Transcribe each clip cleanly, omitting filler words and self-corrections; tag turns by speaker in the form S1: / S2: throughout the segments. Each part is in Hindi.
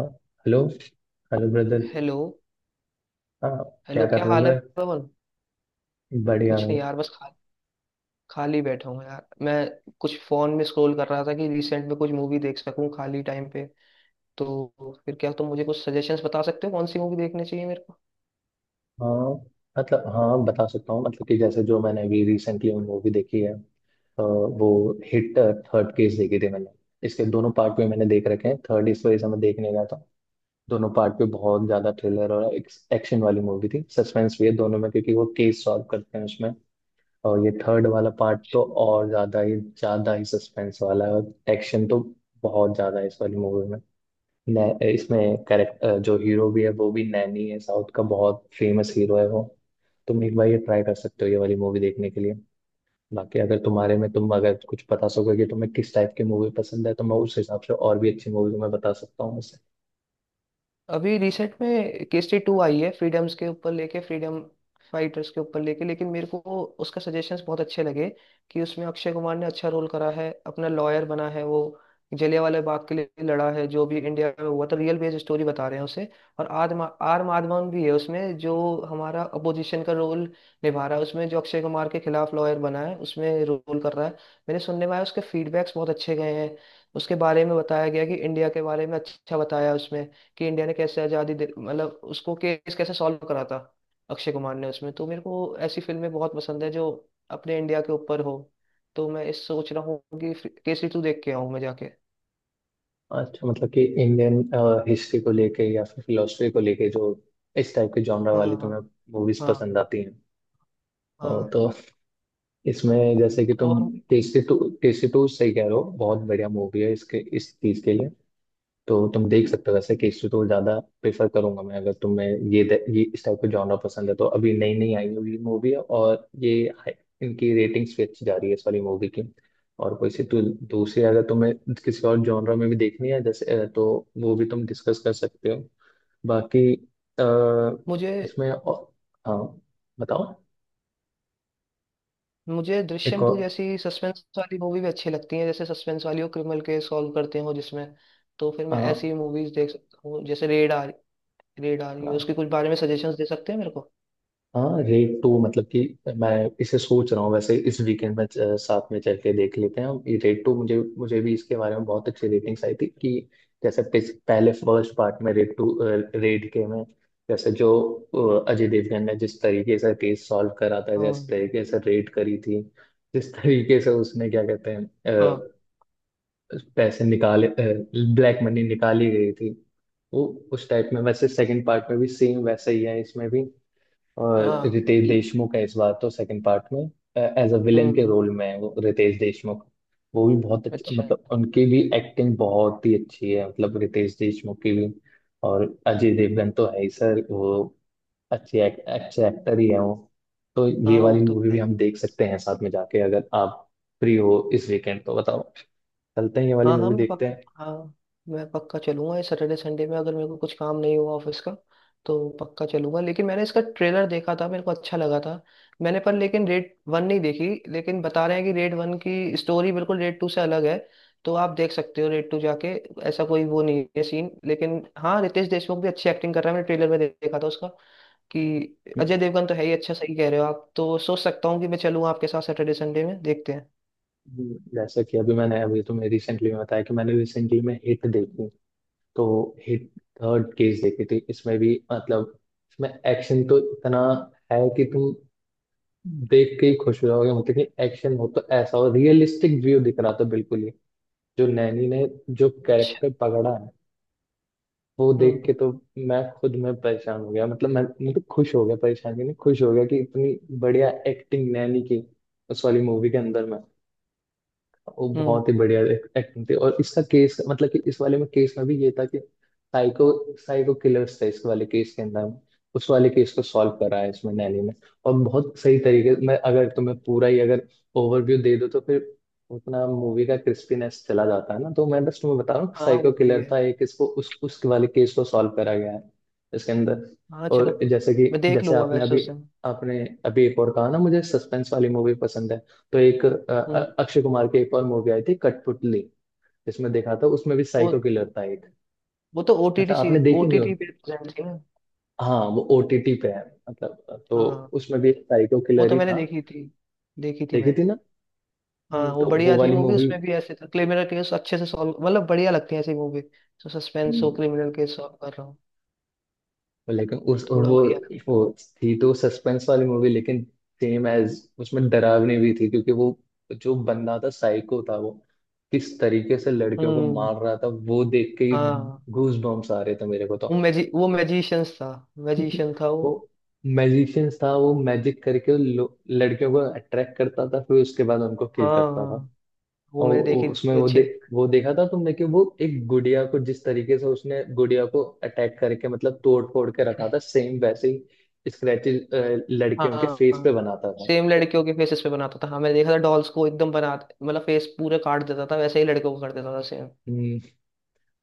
S1: हाँ, हेलो। Hello brother.
S2: हेलो।
S1: हाँ। क्या
S2: हेलो,
S1: कर
S2: क्या
S1: रहे हो
S2: हाल है
S1: ब्रदर?
S2: पवन।
S1: बढ़िया
S2: कुछ
S1: भाई।
S2: नहीं यार, बस खाली बैठा हूँ यार मैं। कुछ फोन में स्क्रॉल कर रहा था कि रिसेंट में कुछ मूवी देख सकूं खाली टाइम पे। तो फिर क्या तुम मुझे कुछ सजेशंस बता सकते हो कौन सी मूवी देखनी चाहिए मेरे को।
S1: हाँ, मतलब हाँ, बता सकता हूँ। मतलब कि जैसे जो मैंने अभी रिसेंटली मूवी देखी है वो हिट थर्ड केस देखी थी मैंने। इसके दोनों पार्ट भी मैंने देख रखे हैं, थर्ड इस वजह से मैं देखने गया था। दोनों पार्ट पे बहुत ज्यादा थ्रिलर और एक्शन वाली मूवी थी। सस्पेंस भी है दोनों में क्योंकि वो केस सॉल्व करते हैं उसमें। और ये थर्ड वाला पार्ट तो और ज्यादा ही सस्पेंस वाला है और एक्शन तो बहुत ज्यादा है इस वाली मूवी में। इसमें कैरेक्टर जो हीरो भी है वो भी नैनी है। साउथ का बहुत फेमस हीरो है वो। तुम एक बार ये ट्राई कर सकते हो ये वाली मूवी देखने के लिए। बाकी अगर तुम अगर कुछ बता सको कि तुम्हें किस टाइप की मूवी पसंद है तो मैं उस हिसाब से और भी अच्छी मूवी तुम्हें बता सकता हूँ वैसे।
S2: अभी रिसेंट में केसरी टू आई है फ्रीडम्स के ऊपर लेके, फ्रीडम फाइटर्स के ऊपर लेके। लेकिन मेरे को उसका सजेशंस बहुत अच्छे लगे कि उसमें अक्षय कुमार ने अच्छा रोल करा है, अपना लॉयर बना है वो, जलियांवाला बाग के लिए लड़ा है जो भी इंडिया में हुआ था, रियल बेस्ड स्टोरी बता रहे हैं उसे। और आदमा आर माधवन भी है उसमें जो हमारा अपोजिशन का रोल निभा रहा है उसमें, जो अक्षय कुमार के खिलाफ लॉयर बना है उसमें रोल कर रहा है। मैंने सुनने में आया उसके फीडबैक्स बहुत अच्छे गए हैं। उसके बारे में बताया गया कि इंडिया के बारे में अच्छा बताया उसमें, कि इंडिया ने कैसे आज़ादी दे मतलब उसको केस कैसे सॉल्व करा था अक्षय कुमार ने उसमें। तो मेरे को ऐसी फिल्में बहुत पसंद है जो अपने इंडिया के ऊपर हो। तो मैं इस सोच रहा हूँ कि केसरी टू देख के आऊँ मैं जाके।
S1: अच्छा, मतलब कि इंडियन हिस्ट्री को लेके या फिर फिलोसफी को लेके जो इस टाइप के जॉनरा
S2: हाँ,
S1: वाली
S2: हाँ।
S1: तुम्हें मूवीज
S2: हाँ,
S1: पसंद आती हैं?
S2: हाँ।
S1: और तो इसमें जैसे कि तुम
S2: और
S1: टेस्टी टू, टेस्टी टू सही कह रहे हो, बहुत बढ़िया मूवी है इसके इस चीज के लिए। तो तुम देख सकते हो वैसे। केसरी तो ज्यादा प्रेफर करूंगा मैं अगर तुम्हें ये इस टाइप का जॉनर पसंद है। तो अभी नई नई आई हुई मूवी है और ये हाई- इनकी रेटिंग्स भी अच्छी जा रही है इस वाली मूवी की। और कोई सी तो दूसरी अगर तुम्हें किसी और जॉनर में भी देखनी है जैसे तो वो भी तुम डिस्कस कर सकते हो। बाकी अ,
S2: मुझे
S1: इसमें और, हाँ, बताओ।
S2: मुझे
S1: एक
S2: दृश्यम टू
S1: और।
S2: जैसी सस्पेंस वाली मूवी भी अच्छी लगती है, जैसे सस्पेंस वाली हो, क्रिमिनल केस सॉल्व करते हो जिसमें। तो फिर मैं
S1: हाँ,
S2: ऐसी मूवीज देख सकता हूँ जैसे रेड आ रही है,
S1: हाँ।
S2: उसके कुछ बारे में सजेशंस दे सकते हैं मेरे को।
S1: हाँ, रेड टू मतलब कि मैं इसे सोच रहा हूँ वैसे इस वीकेंड में साथ में चल के देख लेते हैं हम ये रेड टू। मुझे मुझे भी इसके बारे में बहुत अच्छी रेटिंग्स आई थी कि जैसे पहले फर्स्ट पार्ट में रेड टू, रेड के में जैसे जो अजय देवगन ने जिस तरीके से केस सॉल्व करा था, जिस
S2: हाँ,
S1: तरीके से रेड करी थी, जिस तरीके से उसने क्या कहते हैं
S2: हाँ,
S1: पैसे निकाले, ब्लैक मनी निकाली गई थी वो। उस टाइप में वैसे सेकंड पार्ट में भी सेम वैसा ही है इसमें भी। और
S2: हाँ
S1: रितेश
S2: ये-
S1: देशमुख है इस बार तो सेकंड पार्ट में, एज अ विलन के
S2: हम्म।
S1: रोल में है वो रितेश देशमुख। वो भी बहुत अच्छा,
S2: अच्छा।
S1: मतलब उनकी भी एक्टिंग बहुत ही अच्छी है मतलब रितेश देशमुख की भी। और अजय देवगन तो है ही सर वो, अच्छे एक्टर ही है वो। तो
S2: हाँ
S1: ये
S2: वो
S1: वाली
S2: तो
S1: मूवी भी
S2: है।
S1: हम देख सकते हैं साथ में जाके, अगर आप फ्री हो इस वीकेंड तो बताओ, चलते हैं ये वाली
S2: हाँ हाँ
S1: मूवी
S2: मैं
S1: देखते
S2: पक
S1: हैं।
S2: हाँ, मैं पक्का चलूंगा इस सैटरडे संडे में अगर मेरे को कुछ काम नहीं हुआ ऑफिस का तो पक्का चलूंगा। लेकिन मैंने इसका ट्रेलर देखा था, मेरे को अच्छा लगा था। मैंने पर लेकिन रेड वन नहीं देखी, लेकिन बता रहे हैं कि रेड वन की स्टोरी बिल्कुल रेड टू से अलग है। तो आप देख सकते हो रेड टू जाके, ऐसा कोई वो नहीं है सीन। लेकिन हाँ, रितेश देशमुख भी अच्छी एक्टिंग कर रहा है, मैंने ट्रेलर में देखा था उसका कि। अजय देवगन तो है ही अच्छा, सही कह रहे हो आप, तो सोच सकता हूँ कि मैं चलूँ आपके साथ सैटरडे संडे में देखते हैं।
S1: जैसा कि अभी मैंने अभी तुम्हें रिसेंटली में बताया कि मैंने रिसेंटली में हिट देखी। तो हिट थर्ड केस देखी थी, इसमें भी मतलब इसमें एक्शन तो इतना है कि तुम देख के ही खुश हो जाओगे। मतलब कि एक्शन हो तो ऐसा हो, रियलिस्टिक व्यू दिख रहा था बिल्कुल ही। जो नैनी ने जो
S2: अच्छा।
S1: कैरेक्टर पकड़ा है वो देख के
S2: हम्म।
S1: तो मैं खुद में परेशान हो गया, मतलब मैं, मतलब खुश हो गया, परेशान भी नहीं, खुश हो गया कि इतनी बढ़िया एक्टिंग नैनी की उस वाली मूवी के अंदर में। वो
S2: हम्म।
S1: बहुत ही बढ़िया एक्टिंग थी। और इसका केस मतलब कि इस वाले में केस में भी ये था कि साइको, साइको किलर्स था इस वाले केस के अंदर में। उस वाले केस को सॉल्व करा है इसमें नैली ने, और बहुत सही तरीके। मैं अगर तुम्हें पूरा ही अगर ओवरव्यू दे दो तो फिर उतना मूवी का क्रिस्पीनेस चला जाता है ना। तो मैं बस तुम्हें बता रहा हूँ
S2: हाँ
S1: साइको
S2: वो भी
S1: किलर
S2: है।
S1: था एक, इसको उस वाले केस को सॉल्व करा गया है इसके अंदर।
S2: हाँ चलो,
S1: और जैसे
S2: मैं
S1: कि
S2: देख
S1: जैसे
S2: लूंगा
S1: आपने
S2: वैसे
S1: अभी
S2: उसे।
S1: आपने अभी एक और कहा ना, मुझे सस्पेंस वाली मूवी पसंद है। तो एक
S2: हम्म।
S1: अक्षय कुमार की एक और मूवी आई थी कठपुतली, जिसमें देखा था उसमें भी
S2: वो
S1: साइको किलर था एक।
S2: वो तो ओटीटी
S1: मतलब
S2: सी,
S1: आपने देखी नहीं हो?
S2: ओटीटी पे प्रेजेंट थी ना।
S1: हाँ, वो ओटीटी पे है, मतलब तो
S2: हाँ,
S1: उसमें भी एक साइको
S2: वो
S1: किलर
S2: तो
S1: ही
S2: मैंने
S1: था।
S2: देखी थी, देखी थी
S1: देखी थी
S2: मैंने।
S1: ना।
S2: हाँ वो
S1: तो वो
S2: बढ़िया थी
S1: वाली
S2: मूवी,
S1: मूवी,
S2: उसमें भी ऐसे था क्रिमिनल केस अच्छे से सॉल्व, मतलब बढ़िया लगती है ऐसी मूवी तो, सस्पेंस हो क्रिमिनल केस सॉल्व कर रहा हूँ
S1: लेकिन उस
S2: थोड़ा, बढ़िया लगता
S1: वो थी तो सस्पेंस वाली मूवी, लेकिन सेम एज उसमें डरावनी भी थी क्योंकि वो जो बंदा था साइको था वो किस तरीके से
S2: है।
S1: लड़कियों को
S2: हम्म।
S1: मार रहा था वो देख के ही
S2: हाँ
S1: गूज बम्स आ रहे थे मेरे को। तो
S2: वो मैजिशियंस था, मैजिशियन था वो।
S1: वो मैजिशियंस था। वो मैजिक करके लड़कियों को अट्रैक्ट करता था, फिर उसके बाद उनको किल
S2: हाँ,
S1: करता था।
S2: हाँ, वो
S1: और
S2: मैंने देखी थी अच्छी।
S1: वो देखा था तुमने कि वो एक गुड़िया को जिस तरीके से उसने गुड़िया को अटैक करके, मतलब तोड़ फोड़ के रखा था, सेम वैसे ही स्क्रैचेस लड़कियों के फेस
S2: हाँ,
S1: पे बनाता था।
S2: सेम लड़कियों के फेसेस पे बनाता था। हाँ मैंने देखा था डॉल्स को एकदम बना मतलब फेस पूरे काट देता था, वैसे ही लड़कियों को कर देता था सेम।
S1: हम्म,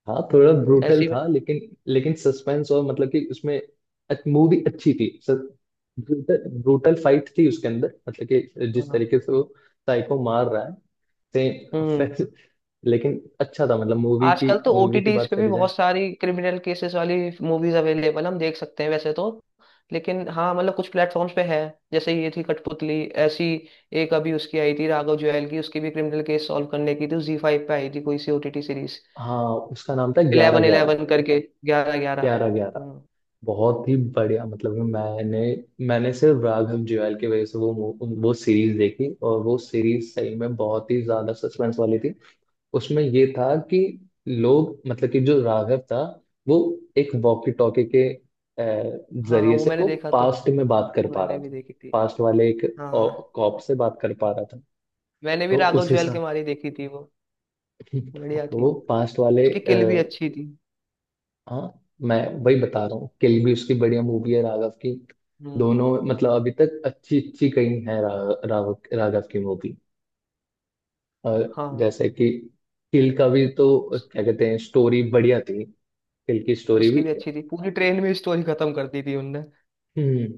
S1: हाँ, थोड़ा ब्रूटल
S2: ऐसी में।
S1: था लेकिन, लेकिन सस्पेंस और मतलब कि उसमें मूवी अच्छी थी। ब्रूटल ब्रूटल फाइट थी उसके अंदर, मतलब कि जिस
S2: हाँ।
S1: तरीके से वो साइको मार रहा है,
S2: हम्म।
S1: सेम। लेकिन अच्छा था, मतलब मूवी की,
S2: आजकल तो
S1: मूवी की
S2: ओटीटीज
S1: बात
S2: पे भी
S1: करी जाए।
S2: बहुत सारी क्रिमिनल केसेस वाली मूवीज अवेलेबल हम देख सकते हैं वैसे तो। लेकिन हाँ मतलब कुछ प्लेटफॉर्म्स पे है, जैसे ये थी कठपुतली ऐसी। एक अभी उसकी आई थी राघव जुएल की, उसकी भी क्रिमिनल केस सॉल्व करने की थी, जी फाइव पे आई थी कोई सी ओटीटी सीरीज,
S1: हाँ, उसका नाम था ग्यारह
S2: इलेवन
S1: ग्यारह
S2: इलेवन करके, ग्यारह ग्यारह।
S1: ग्यारह ग्यारह
S2: हम्म।
S1: बहुत ही बढ़िया, मतलब कि मैंने मैंने सिर्फ राघव जुयाल की वजह से वो सीरीज देखी, और वो सीरीज सही में बहुत ही ज्यादा सस्पेंस वाली थी। उसमें ये था कि लोग, मतलब कि जो राघव था वो एक वॉकी टॉकी के अ,
S2: हाँ
S1: जरिए
S2: वो
S1: से
S2: मैंने
S1: वो
S2: देखा था।
S1: पास्ट में बात कर
S2: वो
S1: पा रहा
S2: मैंने भी
S1: था।
S2: देखी थी।
S1: पास्ट वाले एक
S2: हाँ,
S1: कॉप से बात कर पा रहा था।
S2: मैंने भी
S1: तो
S2: राघव
S1: उस
S2: जुएल के
S1: हिसाब
S2: मारी देखी थी वो, बढ़िया थी
S1: वो
S2: वो।
S1: पास्ट वाले
S2: उसकी किल भी अच्छी थी।
S1: हाँ, मैं वही बता रहा हूँ। किल भी उसकी बढ़िया मूवी है राघव की।
S2: हम्म।
S1: दोनों, मतलब अभी तक अच्छी अच्छी कई है राघव, राघव की मूवी। और
S2: हाँ,
S1: जैसे कि किल का भी तो क्या कहते हैं, स्टोरी बढ़िया थी, किल की स्टोरी
S2: उसकी
S1: भी।
S2: भी अच्छी थी, पूरी ट्रेन में स्टोरी खत्म कर दी थी उनने।
S1: हम्म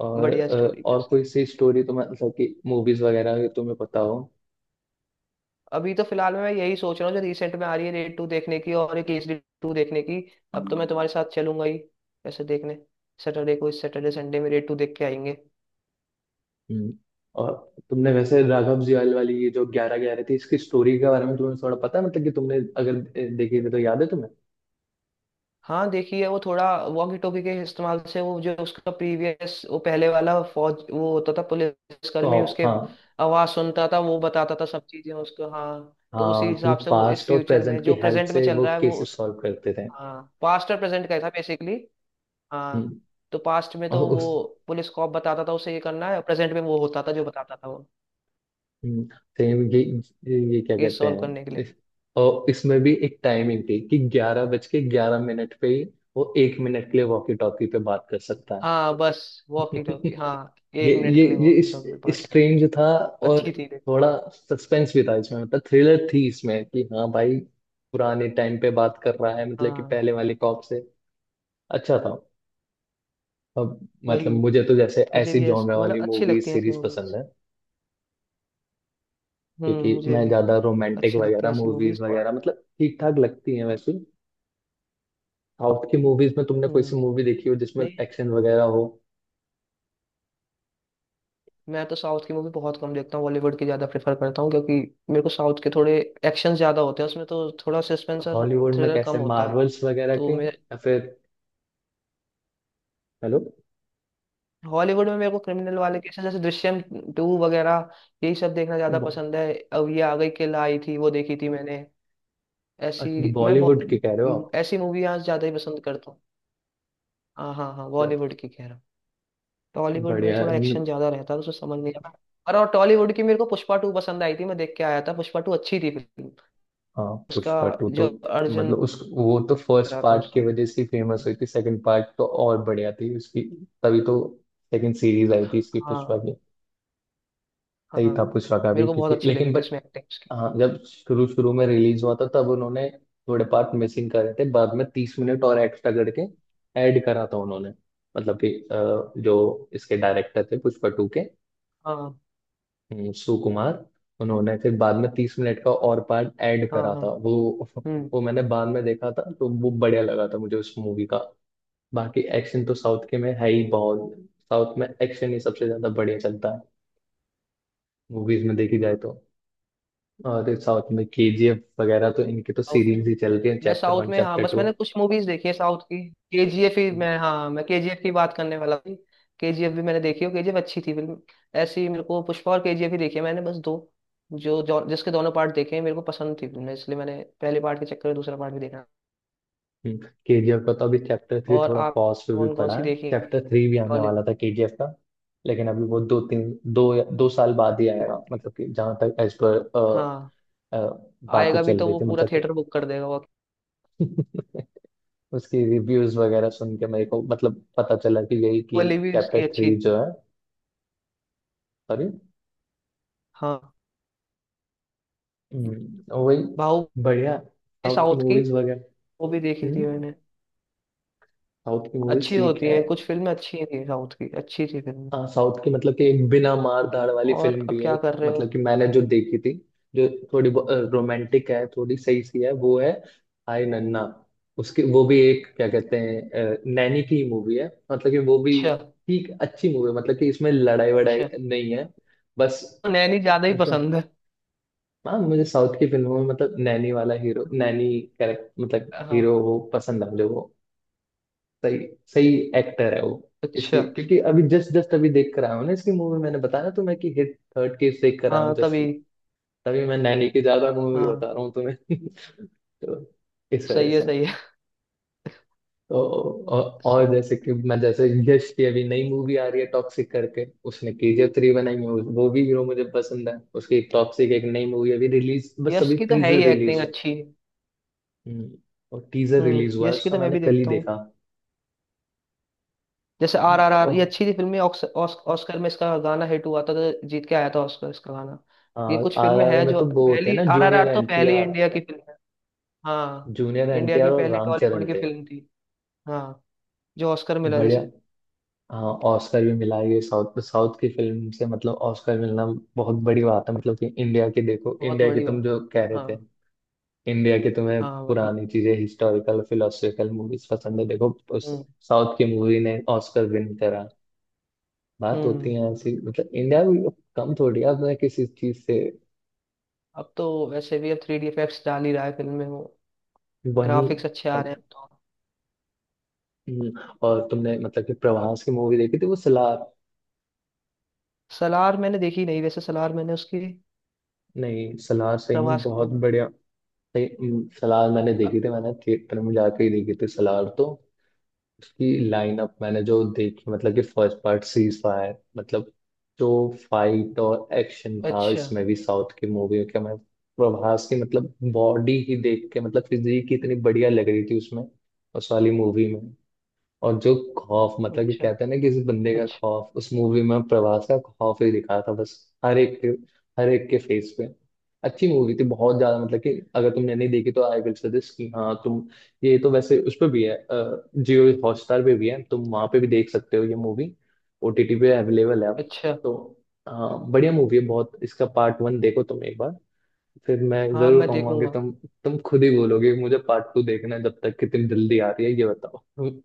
S1: और
S2: बढ़िया स्टोरी थी
S1: और
S2: उसकी।
S1: कोई सी स्टोरी तो मतलब कि मूवीज वगैरह की तुम्हें पता हो?
S2: अभी तो फिलहाल में मैं यही सोच रहा हूँ जो रिसेंट में आ रही है रेड टू देखने की और एक केसरी टू देखने की। अब तो मैं तुम्हारे साथ चलूंगा ही वैसे देखने, सैटरडे को, इस सैटरडे संडे में रेड टू देख के आएंगे।
S1: हम्म और तुमने वैसे राघव जुयाल वाली ये जो ग्यारह ग्यारह थी इसकी स्टोरी के बारे में तुम्हें थोड़ा पता है मतलब कि तुमने अगर देखी थी तो याद है तुम्हें?
S2: हाँ देखिए वो थोड़ा वॉकी टॉकी के इस्तेमाल से, वो जो उसका प्रीवियस वो पहले वाला फौज वो होता था पुलिसकर्मी,
S1: कॉप,
S2: उसके
S1: हाँ।
S2: आवाज सुनता था वो, बताता था सब चीजें उसको। हाँ तो उसी
S1: हाँ, तो
S2: हिसाब से वो इस
S1: पास्ट और
S2: फ्यूचर में
S1: प्रेजेंट की
S2: जो
S1: हेल्प
S2: प्रेजेंट में
S1: से
S2: चल
S1: वो
S2: रहा है वो
S1: केसेस
S2: उस।
S1: सॉल्व करते थे।
S2: हाँ पास्ट और प्रेजेंट का ही था बेसिकली। हाँ,
S1: हम्म,
S2: तो पास्ट में
S1: और
S2: तो
S1: उस,
S2: वो पुलिस कॉप बताता था उसे ये करना है, प्रेजेंट में वो होता था जो बताता था वो,
S1: हम्म, सेम ये, क्या
S2: केस
S1: कहते
S2: सॉल्व
S1: हैं
S2: करने के लिए।
S1: इस, और इसमें भी एक टाइमिंग थी कि 11 बज के 11 मिनट पे ही वो 1 मिनट के लिए वॉकी टॉकी पे बात कर सकता है।
S2: हाँ बस, वॉकी टॉकी, हाँ।
S1: ये
S2: 1 मिनट
S1: ये
S2: के लिए
S1: ये
S2: वॉकी टॉकी पार्ट।
S1: इस, स्ट्रेंज था। और
S2: अच्छी थी देखो।
S1: थोड़ा सस्पेंस भी था इसमें, मतलब थ्रिलर थी इसमें कि, हाँ भाई, पुराने टाइम पे बात कर रहा है मतलब कि
S2: हाँ
S1: पहले वाले कॉप से। अच्छा था। अब मतलब
S2: वही,
S1: मुझे तो जैसे
S2: मुझे
S1: ऐसी
S2: भी ऐस
S1: जॉनर
S2: मतलब
S1: वाली
S2: अच्छी
S1: मूवीज
S2: लगती हैं ऐसी
S1: सीरीज पसंद
S2: मूवीज।
S1: है, क्योंकि
S2: मुझे
S1: मैं
S2: भी
S1: ज्यादा रोमांटिक
S2: अच्छी लगती हैं
S1: वगैरह
S2: ऐसी
S1: मूवीज
S2: मूवीज
S1: वगैरह
S2: और।
S1: मतलब ठीक ठाक लगती हैं वैसे। साउथ की मूवीज में तुमने कोई सी
S2: हम्म।
S1: मूवी देखी हो जिसमें
S2: नहीं,
S1: एक्शन वगैरह हो?
S2: मैं तो साउथ की मूवी बहुत कम देखता हूँ, बॉलीवुड की ज्यादा प्रेफर करता हूँ, क्योंकि मेरे को साउथ के थोड़े एक्शन ज्यादा होते हैं उसमें, तो थोड़ा सस्पेंस और
S1: हॉलीवुड में
S2: थ्रिलर कम
S1: कैसे,
S2: होता है।
S1: मार्वल्स वगैरह
S2: तो
S1: के,
S2: मैं
S1: या फिर? हेलो।
S2: हॉलीवुड में मेरे को क्रिमिनल वाले केसेस जैसे दृश्यम टू वगैरह, यही सब देखना ज्यादा
S1: बॉ-
S2: पसंद है। अब ये आ गई किल आई थी, वो देखी थी मैंने।
S1: अच्छा,
S2: ऐसी मैं
S1: बॉलीवुड की कह रहे हो आप?
S2: बहुत ऐसी मूवी आज ज्यादा ही पसंद करता हूँ। हाँ, हाँ, हाँ
S1: चल,
S2: बॉलीवुड की कह रहा हूँ। टॉलीवुड में
S1: बढ़िया
S2: तो
S1: है।
S2: थोड़ा एक्शन ज्यादा रहता है तो उसमें समझ नहीं आता। और टॉलीवुड की मेरे को पुष्पा टू पसंद आई थी, मैं देख के आया था, पुष्पा टू अच्छी थी फिल्म।
S1: हाँ,
S2: उसका
S1: पुष्पा टू तो
S2: जो अर्जुन
S1: मतलब उस, वो तो फर्स्ट
S2: रहा था
S1: पार्ट की
S2: उसमें।
S1: वजह से फेमस हुई थी। सेकंड पार्ट तो और बढ़िया थी उसकी। तभी तो सेकंड सीरीज आई थी इसकी पुष्पा
S2: हाँ,
S1: की। सही
S2: हाँ।
S1: था पुष्पा का भी
S2: मेरे को बहुत
S1: क्योंकि,
S2: अच्छी
S1: लेकिन
S2: लगी थी
S1: बट
S2: उसमें एक्टिंग उसकी।
S1: हाँ, जब शुरू शुरू में रिलीज हुआ था तब उन्होंने थोड़े पार्ट मिसिंग करे थे, बाद में 30 मिनट और एक्स्ट्रा करके ऐड करा था उन्होंने। मतलब कि जो इसके डायरेक्टर थे पुष्पा टू के,
S2: हाँ,
S1: सुकुमार, उन्होंने फिर बाद में 30 मिनट का और पार्ट ऐड
S2: हाँ,
S1: करा था
S2: हाँ।
S1: वो। वो मैंने बाद में देखा था, तो वो बढ़िया लगा था मुझे उस मूवी का। बाकी एक्शन तो साउथ के में है ही बहुत। साउथ में एक्शन ही सबसे ज्यादा बढ़िया चलता है मूवीज में, देखी जाए तो। अरे, साउथ में केजीएफ वगैरह तो इनकी तो
S2: हम्म
S1: सीरीज ही चल रही है,
S2: मैं
S1: चैप्टर
S2: साउथ
S1: वन,
S2: में, हाँ
S1: चैप्टर
S2: बस
S1: टू।
S2: मैंने कुछ मूवीज देखी है साउथ की, केजीएफ ही, मैं हाँ मैं केजीएफ की बात करने वाला थी। केजीएफ भी मैंने देखी हो, केजीएफ अच्छी थी फिल्म। ऐसी मेरे को पुष्पा और केजीएफ ही देखी है मैंने, बस दो जो, जो जिसके दोनों पार्ट देखे हैं, मेरे को पसंद थी फिल्म इसलिए मैंने पहले पार्ट के चक्कर में दूसरा पार्ट भी देखा।
S1: हम्म, केजीएफ का तो अभी चैप्टर थ्री
S2: और
S1: थोड़ा
S2: आप
S1: पॉज पे भी
S2: कौन कौन
S1: पड़ा
S2: सी
S1: है।
S2: देखी
S1: चैप्टर थ्री भी आने
S2: टॉलीवुड
S1: वाला था केजीएफ का, लेकिन अभी वो दो तीन दो या- 2 साल बाद ही आएगा,
S2: की।
S1: मतलब कि जहां तक एज पर
S2: हाँ,
S1: बातें
S2: आएगा भी
S1: चल
S2: तो
S1: रही
S2: वो
S1: थी,
S2: पूरा
S1: मतलब कि
S2: थिएटर बुक कर देगा वो।
S1: उसकी रिव्यूज वगैरह सुन के मेरे को मतलब पता चला कि यही कि
S2: वाली भी
S1: चैप्टर
S2: इसकी अच्छी।
S1: थ्री जो है, सॉरी,
S2: हाँ,
S1: वही।
S2: बाहुबली,
S1: बढ़िया साउथ की
S2: साउथ की,
S1: मूवीज वगैरह।
S2: वो भी देखी थी
S1: हम्म
S2: मैंने।
S1: साउथ की मूवीज
S2: अच्छी
S1: ठीक
S2: होती
S1: है।
S2: है कुछ फिल्में, अच्छी ही थी साउथ की, अच्छी थी फिल्में।
S1: हाँ साउथ की, मतलब कि एक बिना मार धाड़ वाली
S2: और
S1: फिल्म
S2: अब
S1: भी है
S2: क्या
S1: एक,
S2: कर रहे हो।
S1: मतलब कि मैंने जो देखी थी जो थोड़ी रोमांटिक है, थोड़ी सही सी है, वो है हाय नन्ना। उसके, वो भी एक क्या कहते हैं नैनी की मूवी है, मतलब कि वो भी
S2: अच्छा।
S1: ठीक अच्छी मूवी है, मतलब कि इसमें लड़ाई वड़ाई
S2: अच्छा,
S1: नहीं है बस।
S2: तो नैनी ज्यादा ही
S1: रो-
S2: पसंद है।
S1: हाँ, मुझे साउथ की फिल्मों में मतलब नैनी वाला हीरो, नैनी कैरेक्टर मतलब हीरो
S2: हाँ।
S1: वो पसंद है मुझे वो। सही, सही एक्टर है वो।
S2: अच्छा।
S1: इसकी क्योंकि अभी जस्ट जस्ट अभी देख कर आया हूँ ना इसकी मूवी, मैंने बताया ना तुम्हें कि हिट थर्ड केस देख कर आया हूँ
S2: हाँ
S1: जस्ट
S2: तभी।
S1: में। तभी मैं नैनी की ज्यादा मूवी
S2: हाँ,
S1: बता रहा हूँ तुम्हें तो इस वजह
S2: सही है
S1: से।
S2: सही है।
S1: तो औ-
S2: स-
S1: और जैसे कि मैं, जैसे यश की अभी नई मूवी आ रही है टॉक्सिक करके, उसने केजीएफ 3 बनाई है। वो भी हीरो मुझे पसंद है। उसकी एक टॉक्सिक, एक नई मूवी अभी रिलीज, बस
S2: यश
S1: अभी
S2: की तो है
S1: टीजर
S2: ही
S1: रिलीज
S2: एक्टिंग
S1: हुआ।
S2: अच्छी।
S1: हम्म, और टीजर रिलीज हुआ है
S2: यश की
S1: उसका,
S2: तो मैं
S1: मैंने
S2: भी
S1: कल ही
S2: देखता हूँ,
S1: देखा।
S2: जैसे आर
S1: हम्म,
S2: आर आर, ये
S1: तो,
S2: अच्छी थी फिल्में। ऑस्कर में इसका गाना हिट हुआ था, तो जीत के आया था ऑस्कर इसका गाना। ये
S1: हाँ,
S2: कुछ
S1: आर
S2: फिल्में
S1: आर
S2: हैं
S1: में
S2: जो
S1: तो वो होते हैं
S2: पहली,
S1: ना,
S2: आर आर आर तो
S1: जूनियर
S2: पहली
S1: एनटीआर
S2: इंडिया की फिल्म है। हाँ,
S1: जूनियर
S2: इंडिया
S1: एनटीआर
S2: की
S1: और
S2: पहली टॉलीवुड
S1: रामचरण
S2: की
S1: थे।
S2: फिल्म थी। हाँ जो ऑस्कर मिला
S1: बढ़िया।
S2: जैसे।
S1: हाँ, ऑस्कर भी मिला ये साउथ, साउथ की फिल्म से। मतलब ऑस्कर मिलना बहुत बड़ी बात है। मतलब कि इंडिया की, देखो
S2: बहुत
S1: इंडिया की
S2: बड़ी
S1: तुम
S2: बात
S1: जो कह
S2: है।
S1: रहे थे,
S2: हाँ,
S1: इंडिया की तुम्हें
S2: हाँ वही।
S1: पुरानी चीजें, हिस्टोरिकल, फिलोसफिकल मूवीज पसंद है। देखो उस
S2: हम्म।
S1: साउथ की मूवी ने ऑस्कर विन करा। बात
S2: हम्म।
S1: होती है ऐसी। मतलब इंडिया भी कम थोड़ी है अपने किसी चीज से।
S2: अब तो वैसे भी अब थ्री डी इफेक्ट्स डाल ही रहा है फिल्म में वो,
S1: वही।
S2: ग्राफिक्स अच्छे आ रहे हैं तो।
S1: हम्म, और तुमने मतलब कि प्रभास की मूवी देखी थी, वो सलार?
S2: सलार मैंने देखी नहीं वैसे, सलार मैंने उसकी,
S1: नहीं, सलार सही में
S2: प्रभास की।
S1: बहुत बढ़िया। सही। सलार मैंने देखी
S2: अ-
S1: थी, मैंने थिएटर में जाके ही देखी थी सलार तो। उसकी लाइनअप मैंने जो देखी मतलब कि फर्स्ट पार्ट सीज फायर, मतलब जो फाइट और एक्शन था
S2: अच्छा।
S1: इसमें भी, साउथ की मूवी के मैं। प्रभास की मतलब बॉडी ही देख के, मतलब फिजिक ही इतनी बढ़िया लग रही थी उसमें, उस वाली मूवी में। और जो खौफ, मतलब कि
S2: अच्छा।
S1: कहते हैं ना किसी बंदे का
S2: अच्छा।
S1: खौफ, उस मूवी में प्रभास का खौफ ही दिखा था, बस हर एक के, हर एक के फेस पे। अच्छी मूवी थी, बहुत ज्यादा। मतलब कि अगर तुमने नहीं देखी तो आई विल सजेस्ट कि हाँ तुम, ये तो वैसे उस पर भी है, जियो हॉटस्टार पे भी है, तुम वहां पे भी देख सकते हो ये मूवी। ओटीटी पे अवेलेबल है अब।
S2: अच्छा।
S1: तो हाँ, बढ़िया मूवी है बहुत। इसका पार्ट 1 देखो तुम एक बार। फिर मैं
S2: हाँ
S1: जरूर
S2: मैं
S1: कहूंगा कि
S2: देखूंगा।
S1: तुम खुद ही बोलोगे कि मुझे पार्ट 2 देखना है। जब तक कि तुम, जल्दी आ रही है ये बताओ।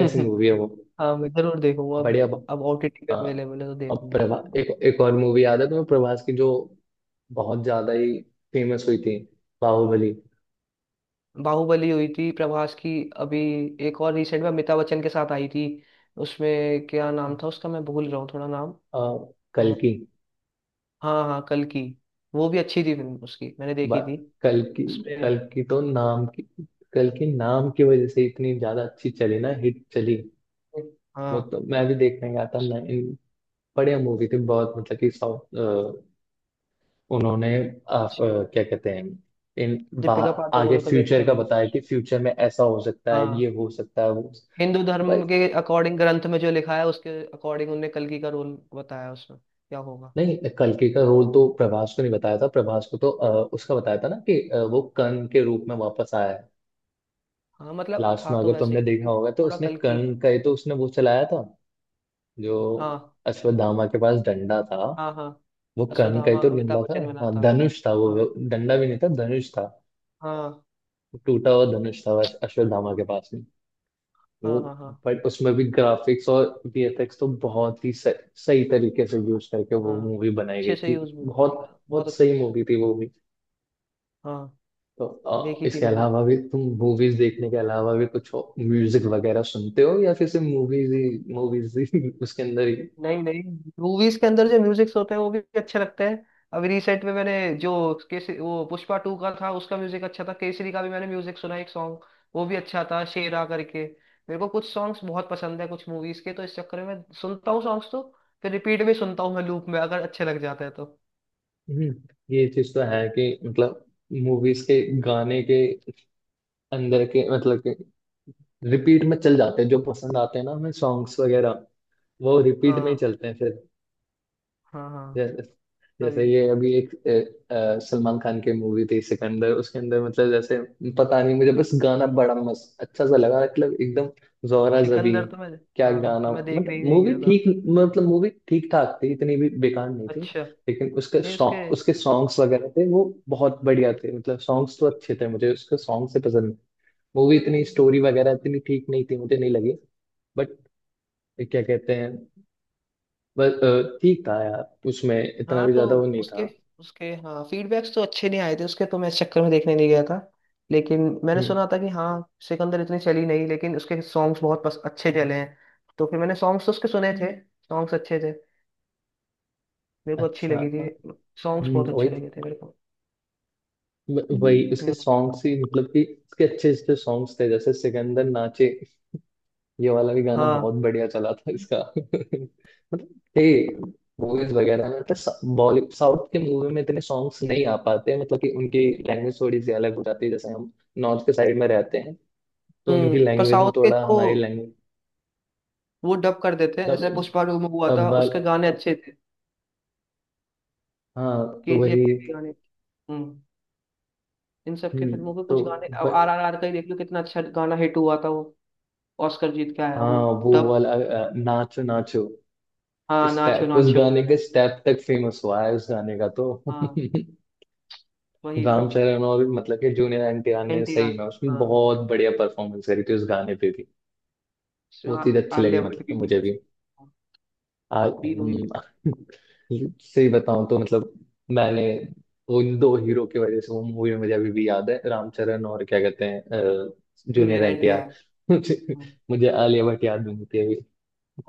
S1: ऐसी मूवी है वो।
S2: हाँ मैं जरूर देखूंगा अब
S1: बढ़िया।
S2: अब ओटीटी पे
S1: हाँ।
S2: अवेलेबल है तो
S1: और
S2: देखूंगा।
S1: प्रभा एक, एक और मूवी याद है तुम्हें प्रभास की, जो बहुत ज्यादा ही फेमस हुई थी, बाहुबली।
S2: बाहुबली हुई थी प्रभास की। अभी एक और रिसेंट में अमिताभ बच्चन के साथ आई थी, उसमें क्या नाम था उसका मैं भूल रहा हूँ थोड़ा,
S1: आ, कल
S2: नाम।
S1: की।
S2: हाँ हाँ कल की। वो भी अच्छी थी फिल्म उसकी, मैंने
S1: ब-
S2: देखी थी
S1: कल की।
S2: उसपे।
S1: कल की तो नाम की, कल की नाम की वजह से इतनी ज्यादा अच्छी चली ना, हिट चली। वो
S2: हाँ
S1: तो मैं भी देखने गया था ना इन। बढ़िया मूवी थी बहुत, मतलब कि साउथ। उन्होंने क्या कहते हैं, इन बा
S2: दीपिका
S1: आगे
S2: पादुकोण का भी अच्छा
S1: फ्यूचर का
S2: रोल।
S1: बताया कि फ्यूचर में ऐसा हो सकता है,
S2: हाँ
S1: ये हो सकता है, वो हो सकता
S2: हिंदू
S1: है। भाई।
S2: धर्म के अकॉर्डिंग ग्रंथ में जो लिखा है, उसके अकॉर्डिंग उनने कल्कि का रोल बताया, उसमें क्या होगा।
S1: नहीं, कल्कि का रोल तो प्रभास को नहीं बताया था। प्रभास को तो उसका बताया था ना कि वो कर्ण के रूप में वापस आया है।
S2: हाँ मतलब
S1: लास्ट
S2: था
S1: में
S2: तो
S1: अगर
S2: वैसे
S1: तुमने
S2: ही था,
S1: देखा
S2: तो
S1: होगा तो
S2: थोड़ा
S1: उसने
S2: कल्कि।
S1: कर्ण का ही तो, उसने वो चलाया था, जो
S2: हाँ,
S1: अश्वत्थामा के पास डंडा था,
S2: हाँ। हाँ
S1: वो कर्ण का ही
S2: अश्वत्थामा
S1: तो
S2: अमिताभ
S1: डंडा था।
S2: बच्चन बना
S1: हाँ,
S2: था।
S1: धनुष था
S2: हाँ।
S1: वो, डंडा भी नहीं था, धनुष था।
S2: हाँ,
S1: टूटा हुआ धनुष था अश्वत्थामा के पास में। वो,
S2: हाँ। हाँ, हाँ।
S1: बट उसमें भी ग्राफिक्स और वीएफएक्स तो बहुत ही सही, सही तरीके से यूज करके वो
S2: हाँ
S1: मूवी बनाई गई
S2: अच्छे से
S1: थी।
S2: यूज भी हुआ
S1: बहुत,
S2: था, बहुत
S1: बहुत
S2: अच्छे
S1: सही
S2: से।
S1: मूवी थी वो भी।
S2: हाँ।
S1: तो
S2: देखी थी
S1: इसके
S2: मैंने।
S1: अलावा भी, तुम मूवीज देखने के अलावा भी कुछ म्यूजिक वगैरह सुनते हो, या फिर सिर्फ मूवीज ही, मूवीज ही उसके अंदर ही?
S2: नहीं, नहीं, मूवीज के अंदर जो म्यूजिक्स होते हैं वो भी अच्छे लगते हैं। अभी रिसेंट में मैंने जो केसरी, वो पुष्पा टू का था उसका म्यूजिक अच्छा था, केसरी का भी मैंने म्यूजिक सुना एक सॉन्ग, वो भी अच्छा था शेरा करके। मेरे को कुछ सॉन्ग्स बहुत पसंद है कुछ मूवीज के, तो इस चक्कर में मैं सुनता हूँ सॉन्ग्स तो, फिर रिपीट में सुनता हूँ मैं लूप में अगर अच्छे लग जाते हैं तो।
S1: हम्म, ये चीज तो है कि मतलब मूवीज के गाने के अंदर के, मतलब के, रिपीट में चल जाते हैं जो पसंद आते हैं ना हमें सॉन्ग्स वगैरह, वो रिपीट में ही
S2: हाँ,
S1: चलते हैं फिर।
S2: हाँ, हाँ।
S1: जैसे, जैसे
S2: अभी
S1: ये अभी एक सलमान खान की मूवी थी सिकंदर, उसके अंदर मतलब जैसे, पता नहीं मुझे, बस गाना बड़ा मस्त अच्छा सा लगा, मतलब एकदम, जोहरा
S2: सिकंदर
S1: जबीन।
S2: तो मैं,
S1: क्या
S2: हाँ
S1: गाना,
S2: मैं देखने
S1: मतलब
S2: ही नहीं
S1: मूवी
S2: गया था।
S1: ठीक, मतलब मूवी ठीक ठाक थी, इतनी भी बेकार नहीं थी।
S2: अच्छा। नहीं
S1: लेकिन उसके
S2: उसके।
S1: सॉन्ग, उसके सॉन्ग्स वगैरह थे, वो बहुत बढ़िया थे। मतलब सॉन्ग्स तो अच्छे थे मुझे, उसके सॉन्ग से पसंद। मूवी इतनी, स्टोरी वगैरह इतनी ठीक नहीं थी, मुझे नहीं लगी। बट क्या कहते हैं, बस ठीक था यार, उसमें इतना
S2: हाँ
S1: भी
S2: तो
S1: ज्यादा वो नहीं
S2: उसके,
S1: था।
S2: उसके फीडबैक्स तो अच्छे नहीं आए थे उसके, तो मैं इस चक्कर में देखने नहीं गया था, लेकिन मैंने
S1: हम्म।
S2: सुना था कि हाँ सिकंदर इतनी चली नहीं लेकिन उसके सॉन्ग्स बहुत अच्छे चले हैं, तो फिर मैंने सॉन्ग्स तो उसके सुने थे, सॉन्ग्स अच्छे थे, मेरे को अच्छी
S1: अच्छा।
S2: लगी थी, सॉन्ग्स
S1: हम्म।
S2: बहुत
S1: वही,
S2: अच्छे लगे थे मेरे को।
S1: वही
S2: हम्म।
S1: उसके
S2: हम्म।
S1: सॉन्ग्स ही, मतलब कि उसके अच्छे अच्छे सॉन्ग्स थे, जैसे सिकंदर नाचे, ये वाला भी गाना
S2: हाँ।
S1: बहुत बढ़िया चला था इसका मतलब थे। मूवीज वगैरह में मतलब बॉलीवुड, साउथ के मूवी में इतने सॉन्ग्स नहीं आ पाते, मतलब कि उनकी लैंग्वेज थोड़ी सी अलग हो जाती है। जैसे हम नॉर्थ के साइड में रहते हैं, तो उनकी
S2: पर
S1: लैंग्वेज में
S2: साउथ के
S1: थोड़ा
S2: जो
S1: हमारी लैंग्वेज।
S2: वो डब कर देते हैं,
S1: तब
S2: जैसे पुष्पा टू में हुआ
S1: तब
S2: था,
S1: वाल
S2: उसके गाने अच्छे थे।
S1: हाँ तो
S2: केजीएफ
S1: वही।
S2: के भी गाने, हम्म, इन सब के
S1: हम्म।
S2: फिल्मों के
S1: तो
S2: कुछ गाने, अब
S1: व-
S2: आर आर आर का ही देख लो कितना अच्छा गाना हिट हुआ था वो, ऑस्कर जीत के आया वो।
S1: हाँ, वो
S2: तब।
S1: वाला नाचो नाचो,
S2: हाँ नाचो
S1: स्टेप, उस
S2: नाचो।
S1: गाने के स्टेप तक फेमस हुआ है उस गाने का तो
S2: हाँ वही तो।
S1: राम चरण और मतलब कि जूनियर एनटीआर ने
S2: एनटीआर,
S1: सही में उसमें
S2: हाँ।
S1: बहुत बढ़िया परफॉर्मेंस करी थी, उस गाने पे भी।
S2: इसमें
S1: बहुत ही अच्छी लगी
S2: आलिया
S1: मतलब
S2: भट्ट
S1: कि,
S2: भी थी।
S1: मुझे भी।
S2: हाँ,
S1: आ,
S2: तीनों ही।
S1: हम्म, सही बताऊं तो मतलब, मैंने उन दो हीरो की वजह से, वो मूवी मुझे अभी भी याद है, रामचरण और क्या कहते हैं,
S2: जूनियर
S1: जूनियर
S2: एनटीआर।
S1: एनटीआर मुझे, मुझे आलिया भट्ट याद नहीं थी।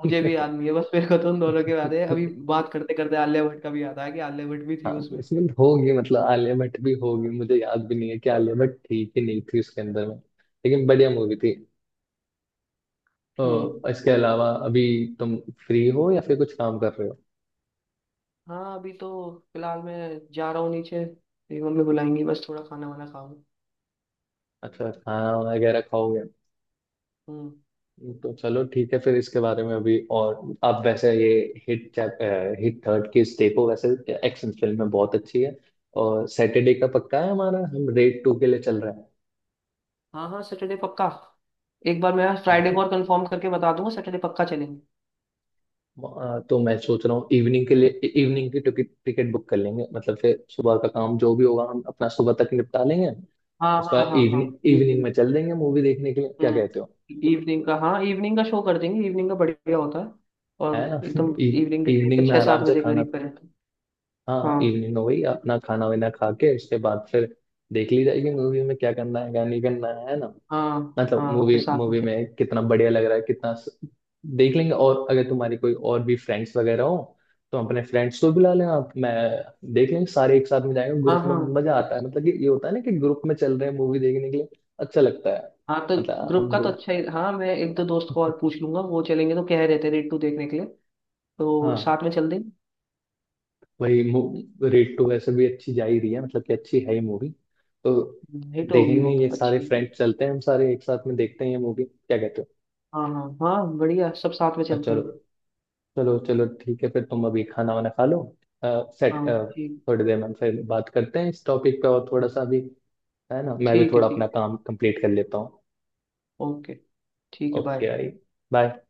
S2: मुझे भी याद नहीं है, बस मेरे को तो उन दोनों के याद है अभी। बात करते करते आलिया भट्ट का भी याद आया कि आलिया भट्ट भी
S1: हाँ
S2: थी उसमें।
S1: प्लेसमेंट होगी, मतलब आलिया भट्ट भी होगी, मुझे याद भी नहीं है कि आलिया भट्ट थी कि नहीं थी उसके अंदर में, लेकिन बढ़िया मूवी थी।
S2: हम्म।
S1: तो इसके अलावा, अभी तुम फ्री हो या फिर कुछ काम कर रहे हो?
S2: हाँ अभी तो फिलहाल मैं जा रहा हूँ नीचे, मेरी मम्मी बुलाएंगी बस, थोड़ा खाना वाना खाऊं।
S1: अच्छा, खाना वगैरह खाओगे?
S2: हम्म।
S1: तो चलो ठीक है। फिर इसके बारे में अभी और आप वैसे, ये हिट चैप हिट थर्ड की देखो वैसे, एक्शन फिल्म में बहुत अच्छी है। और सैटरडे का पक्का है हमारा, हम रेड 2 के लिए चल रहा
S2: हाँ हाँ, सैटरडे पक्का, एक बार मैं फ्राइडे
S1: है।
S2: को और कंफर्म करके बता दूंगा, सैटरडे पक्का चलेंगे।
S1: तो मैं सोच रहा हूँ इवनिंग के लिए, इवनिंग की टिकट, टिकट बुक कर लेंगे। मतलब फिर सुबह का काम जो भी होगा, हम अपना सुबह तक निपटा लेंगे।
S2: हाँ,
S1: उसके
S2: हाँ,
S1: बाद
S2: हाँ, हाँ।
S1: इवनिंग,
S2: ईद,
S1: इवनिंग में चल देंगे मूवी देखने के लिए। क्या कहते हो,
S2: इवनिंग का, हाँ इवनिंग का शो कर देंगे, इवनिंग का बढ़िया होता है।
S1: है
S2: और
S1: ना?
S2: एकदम इवनिंग के टाइम पे
S1: इवनिंग में
S2: छः सात
S1: आराम से
S2: बजे के
S1: खाना,
S2: करीब करें तो।
S1: हाँ
S2: हाँ,
S1: इवनिंग हो गई, अपना खाना वाना खा के, उसके बाद फिर देख ली जाएगी मूवी। में क्या करना है, क्या नहीं करना है ना?
S2: हाँ,
S1: मतलब
S2: हाँ फिर
S1: मूवी,
S2: साथ में
S1: मूवी
S2: चले।
S1: में कितना बढ़िया लग रहा है, कितना देख लेंगे। और अगर तुम्हारी कोई और भी फ्रेंड्स वगैरह हो, तो अपने फ्रेंड्स को बुला लें आप, मैं देख लेंगे सारे। एक साथ में जाएंगे
S2: हाँ,
S1: ग्रुप में,
S2: हाँ,
S1: मजा आता है मतलब कि। ये होता है ना, कि ग्रुप में चल रहे हैं मूवी देखने के लिए, अच्छा लगता है।
S2: हाँ तो
S1: मतलब
S2: ग्रुप
S1: हम
S2: का
S1: दो
S2: तो अच्छा ही, हाँ मैं एक दो दोस्त को और पूछ लूंगा, वो चलेंगे, तो कह रहे थे रेट टू देखने के लिए, तो
S1: हाँ
S2: साथ में चल देंगे।
S1: वही, रेट टू वैसे भी अच्छी जा ही रही है, मतलब कि अच्छी है ही मूवी। तो
S2: हिट होगी
S1: देखेंगे,
S2: वो
S1: ये सारे
S2: अच्छी।
S1: फ्रेंड्स चलते हैं, हम सारे एक साथ में देखते हैं ये मूवी, क्या कहते हो?
S2: हाँ, हाँ, हाँ बढ़िया, सब साथ में
S1: हाँ,
S2: चलते हैं।
S1: चलो। चलो, चलो ठीक है फिर। तुम अभी खाना वाना खा लो, सेट।
S2: हाँ, ठीक।
S1: थोड़ी देर में हम फिर बात करते हैं इस टॉपिक पे, और थोड़ा सा भी, है ना। मैं भी
S2: ठीक है।
S1: थोड़ा अपना
S2: ठीक
S1: काम कंप्लीट कर लेता हूँ।
S2: है ओके। ठीक है,
S1: ओके।
S2: बाय।
S1: आई बाय।